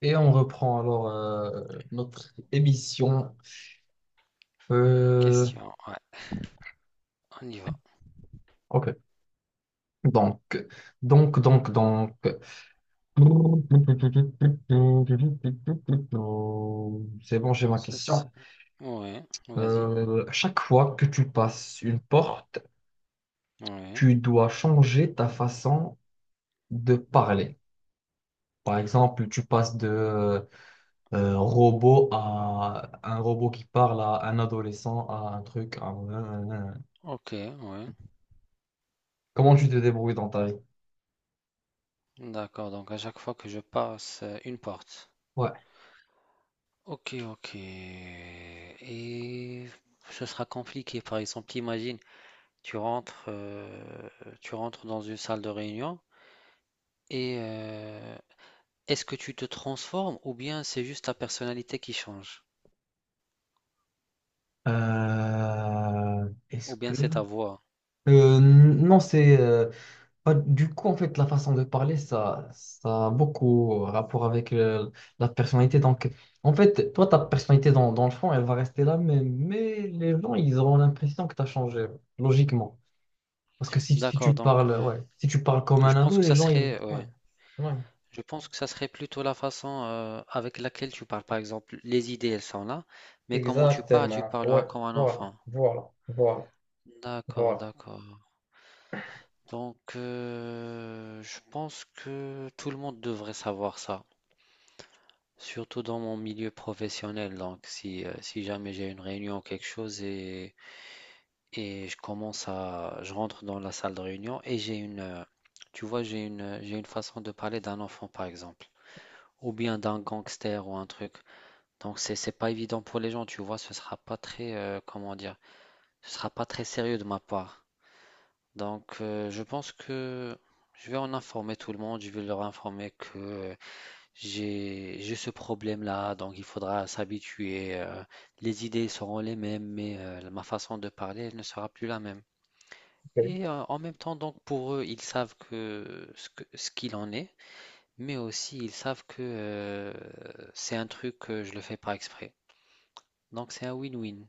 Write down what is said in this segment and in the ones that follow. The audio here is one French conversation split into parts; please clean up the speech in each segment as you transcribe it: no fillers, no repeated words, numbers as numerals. Et on reprend notre émission. Euh, Question. Ouais, on y va. ok. Donc, donc. C'est bon, j'ai ma Ce s- question. Ouais, vas-y. Chaque fois que tu passes une porte, Ouais. tu dois changer ta façon de parler. Par exemple, tu passes de robot à un robot qui parle à un adolescent à un truc. Ok, ouais. Comment tu te débrouilles dans ta vie? D'accord, donc à chaque fois que je passe une porte. Ouais. Ok, ok. Et ce sera compliqué. Par exemple, imagine, tu rentres, euh, tu rentres dans une salle de réunion et est-ce que tu te transformes ou bien c'est juste ta personnalité qui change? Est-ce Ou bien que... c'est ta voix? Non, bah, du coup, en fait, la façon de parler, ça a beaucoup rapport avec la personnalité. Donc, en fait, toi, ta personnalité, dans le fond, elle va rester la même. Mais les gens, ils auront l'impression que tu as changé, logiquement. Parce que si D'accord, tu donc parles, ouais. ouais, si tu parles comme Je un pense ado, que les ça gens, ils... serait, Ouais, ouais. ouais. Je pense que ça serait plutôt la façon avec laquelle tu parles. Par exemple, les idées, elles sont là, mais comment tu parles, tu Exactement. parleras Ouais, comme un voilà, enfant. voilà, voilà, D'accord, voilà. d'accord. Donc, je pense que tout le monde devrait savoir ça, surtout dans mon milieu professionnel. Donc, si jamais j'ai une réunion ou quelque chose et je rentre dans la salle de réunion et tu vois, j'ai une façon de parler d'un enfant, par exemple, ou bien d'un gangster ou un truc. Donc c'est pas évident pour les gens, tu vois, ce sera pas très comment dire, ce sera pas très sérieux de ma part. Donc, je pense que je vais en informer tout le monde, je vais leur informer que j'ai ce problème-là, donc il faudra s'habituer. Les idées seront les mêmes, mais ma façon de parler elle ne sera plus la même. Ok, Et, en même temps, donc pour eux, ils savent que ce qu'il en est, mais aussi ils savent que c'est un truc que je le fais pas exprès. Donc c'est un win-win.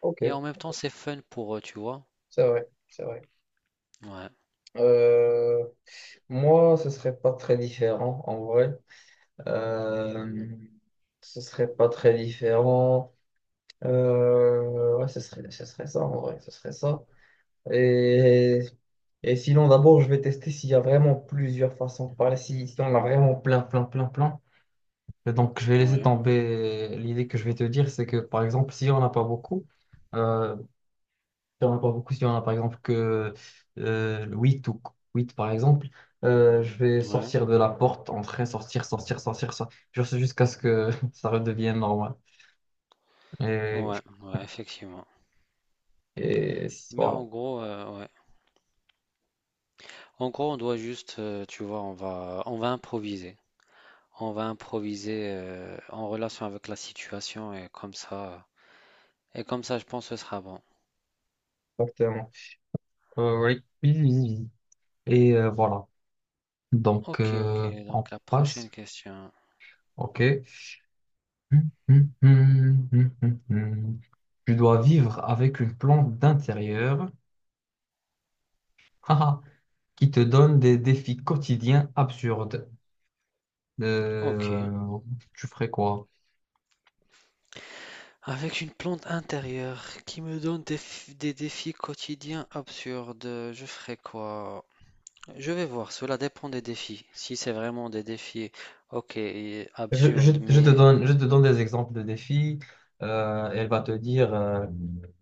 ok, Et en même temps, c'est fun pour eux, tu vois? c'est vrai, c'est vrai. Ouais, Euh, Moi, ce serait pas très différent en vrai. Euh, Ce serait pas très différent. Ouais, ce serait ça en vrai. Ce serait ça. Et, et sinon, d'abord, je vais tester s'il y a vraiment plusieurs façons de parler. Si on a vraiment plein. Et donc, je vais laisser ouais, tomber l'idée que je vais te dire. C'est que, par exemple, si on n'a pas beaucoup, euh, il y en a pas beaucoup. Il y en a par exemple que 8 ou 8 par exemple. Je vais ouais, sortir de la porte, entrer, sortir, sortir, sortir, sortir. Je sais jusqu'à ce que ça redevienne normal. Et, ouais, ouais, effectivement. et Mais en voilà, gros, ouais. En gros, on doit juste, tu vois, on va improviser. On va improviser en relation avec la situation et comme ça, je pense que ce sera bon. exactement. Oui, oui, oui, oui, oui. Et voilà. Donc, Ok, ok, on donc la passe. prochaine question. OK. Hum. Tu dois vivre avec une plante d'intérieur haha, qui te donne des défis quotidiens absurdes. Ok. Euh, Tu ferais quoi? Avec une plante intérieure qui me donne des défis quotidiens absurdes, je ferai quoi? Je vais voir, cela dépend des défis. Si c'est vraiment des défis, ok, et absurdes, Je te mais donne, je te donne des exemples de défis. Elle va te dire,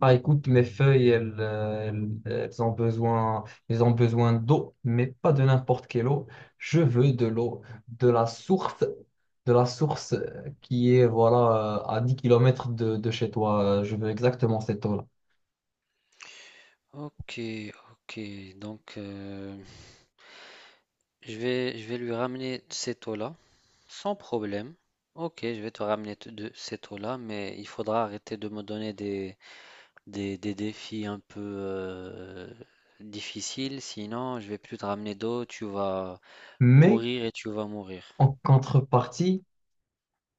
ah, écoute, mes feuilles, elles ont besoin d'eau, mais pas de n'importe quelle eau. Je veux de l'eau, de la source, de la source qui est, voilà, à 10 kilomètres de chez toi. Je veux exactement cette eau-là. ok, ok. Donc, je vais lui ramener cette eau-là, sans problème. Ok, je vais te ramener de cette eau-là, mais il faudra arrêter de me donner des défis un peu difficiles, sinon je vais plus te ramener d'eau, tu vas Mais pourrir et tu vas mourir. en contrepartie,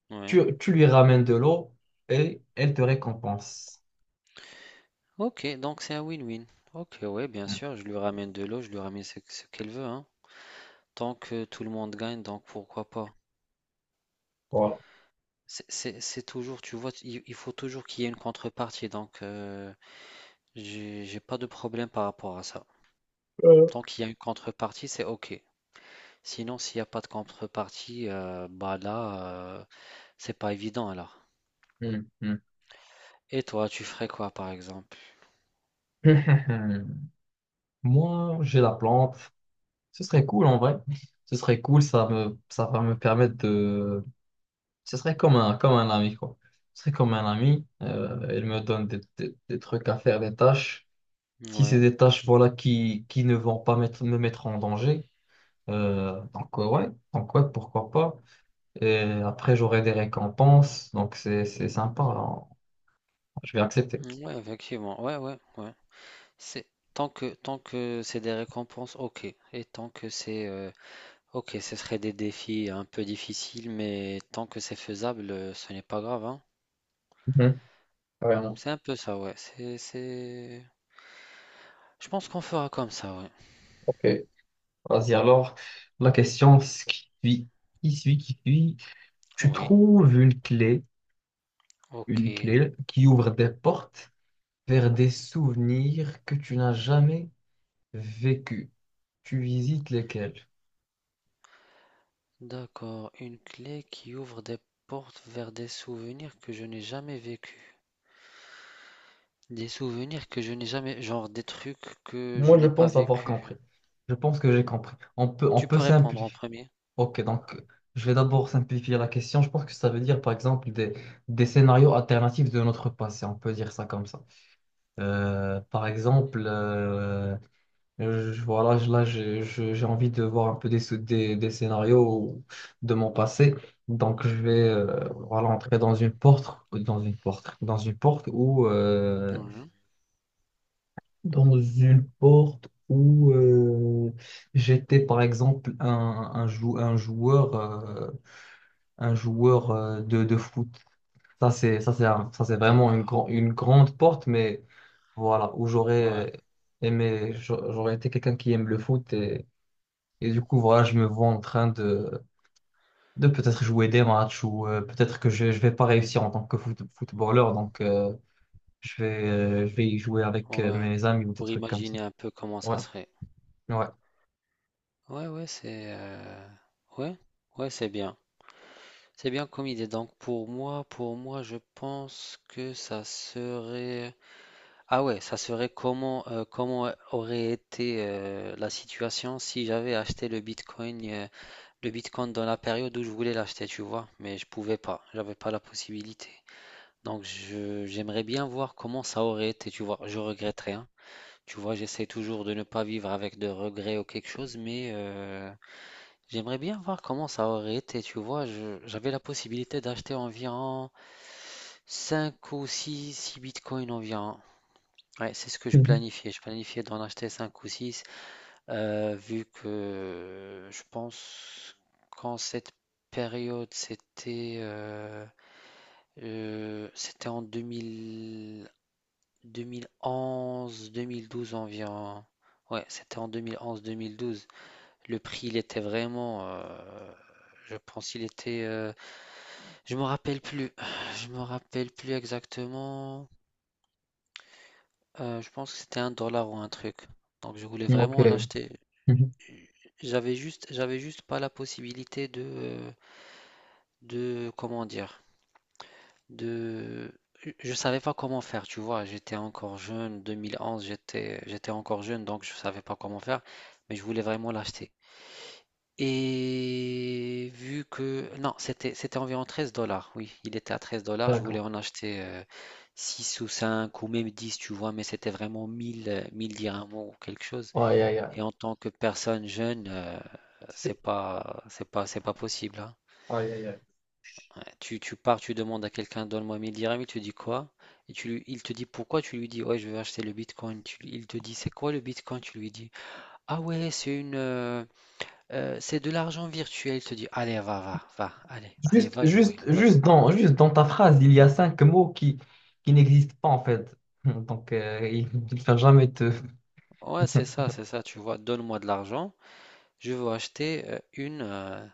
Ouais. tu lui ramènes de l'eau et elle te récompense. Ok, donc c'est un win-win. Ok, ouais, bien sûr, je lui ramène de l'eau, je lui ramène ce qu'elle veut, hein. Tant que tout le monde gagne, donc pourquoi pas. Voilà. C'est toujours, tu vois, il faut toujours qu'il y ait une contrepartie, donc, j'ai pas de problème par rapport à ça. Euh, Tant qu'il y a une contrepartie, c'est ok. Sinon, s'il n'y a pas de contrepartie, bah là, c'est pas évident alors. Hmm, hmm. Et toi, tu ferais quoi par exemple? Moi, j'ai la plante. Ce serait cool en vrai. Ce serait cool, ça me, ça va me permettre de. Ce serait comme un ami, quoi. Ce serait comme un ami. Il me donne des, des trucs à faire, des tâches. Si c'est Ouais, des tâches, voilà, qui ne vont pas mettre, me mettre en danger. Ouais, donc, ouais, pourquoi pas. Et après, j'aurai des récompenses. Donc, c'est sympa, hein. Je vais accepter. ouais, effectivement, ouais, ouais, ouais. C'est tant que c'est des récompenses, ok. Et tant que c'est ok, ce serait des défis un peu difficiles, mais tant que c'est faisable, ce n'est pas grave, hein. Mhm. Vraiment. C'est un peu ça, ouais. Je pense qu'on fera comme ça, ouais. Ok. Vas-y, alors, la question ce qui suit, qui suit. Tu Oui, trouves ok. une clé qui ouvre des portes vers des souvenirs que tu n'as jamais vécus. Tu visites lesquels? D'accord. Une clé qui ouvre des portes vers des souvenirs que je n'ai jamais vécus. Des souvenirs que je n'ai jamais, genre des trucs que je Moi, je n'ai pas pense avoir vécu. compris. Je pense que j'ai compris. On Tu peut peux répondre en simplifier. premier. Ok, donc, je vais d'abord simplifier la question. Je pense que ça veut dire, par exemple, des scénarios alternatifs de notre passé. On peut dire ça comme ça. Euh, par exemple, euh, Voilà, là, j'ai envie de voir un peu des, des scénarios de mon passé. Donc, je vais voilà, entrer dans une porte, dans une porte, dans une porte Mhm. Où j'étais, par exemple, un joueur de foot. Ça, c'est vraiment une, D'accord. Une grande porte, mais voilà, où Ouais. j'aurais aimé, j'aurais été quelqu'un qui aime le foot. Et du coup, voilà, je me vois en train de peut-être jouer des matchs ou peut-être que je vais pas réussir en tant que footballeur. Donc, je vais y jouer avec Ouais, mes amis ou des pour trucs comme ça. imaginer un peu comment Ouais, ça serait. ouais. Ouais, ouais, c'est euh, ouais, ouais, c'est bien. C'est bien comme idée. Donc pour moi, je pense que ça serait. Ah ouais, ça serait comment comment aurait été la situation si j'avais acheté le Bitcoin le Bitcoin dans la période où je voulais l'acheter, tu vois, mais je pouvais pas, j'avais pas la possibilité. Donc je j'aimerais bien voir comment ça aurait été, tu vois. Je regrette rien. Tu vois, j'essaie toujours de ne pas vivre avec de regrets ou quelque chose, mais j'aimerais bien voir comment ça aurait été. Tu vois, j'avais la possibilité d'acheter environ cinq ou six bitcoins environ. Ouais, c'est ce que je planifiais. Je planifiais d'en acheter 5 ou 6 vu que je pense qu'en cette période, c'était en 2011, 2012 environ. Ouais, c'était en deux mille onze mille douze. Le prix, il était vraiment, je pense, il était, je me rappelle plus, je me rappelle plus exactement. Je pense que c'était un dollar ou un truc. Donc je voulais Mhm. Ok. vraiment en acheter. Mhm. J'avais juste pas la possibilité comment dire, de, je savais pas comment faire. Tu vois, j'étais encore jeune, 2011, j'étais encore jeune, donc je savais pas comment faire, mais je voulais vraiment l'acheter. Non, c'était environ 13$. Oui, il était à 13$. Je voulais D'accord. en acheter 6 ou 5 ou même 10, tu vois, mais c'était vraiment 1000, 1000 dirhams ou quelque chose. Aïe, aïe, aïe. Et en tant que personne jeune, C'est- c'est pas possible, hein. Aïe, aïe, aïe. Ouais, tu pars, tu demandes à quelqu'un, donne-moi 1000 dirhams, il te dit quoi? Et il te dit pourquoi, tu lui dis, ouais, je veux acheter le Bitcoin. Il te dit, c'est quoi le Bitcoin? Tu lui dis, ah ouais, c'est de l'argent virtuel. Il te dit, allez, va, va, va, allez, allez, va jouer, va jouer. Juste dans ta phrase, il y a 5 mots qui n'existent pas en fait. Donc, il ne va jamais te... Ouais, c'est ça, tu vois, donne-moi de l'argent, je veux acheter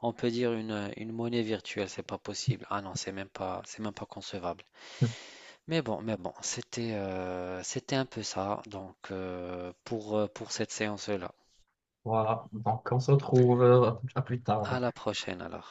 on peut dire une monnaie virtuelle, c'est pas possible. Ah non, c'est même pas concevable. Mais bon, c'était un peu ça, donc, pour cette séance-là. Voilà. Donc, on se retrouve à plus À tard. la prochaine alors.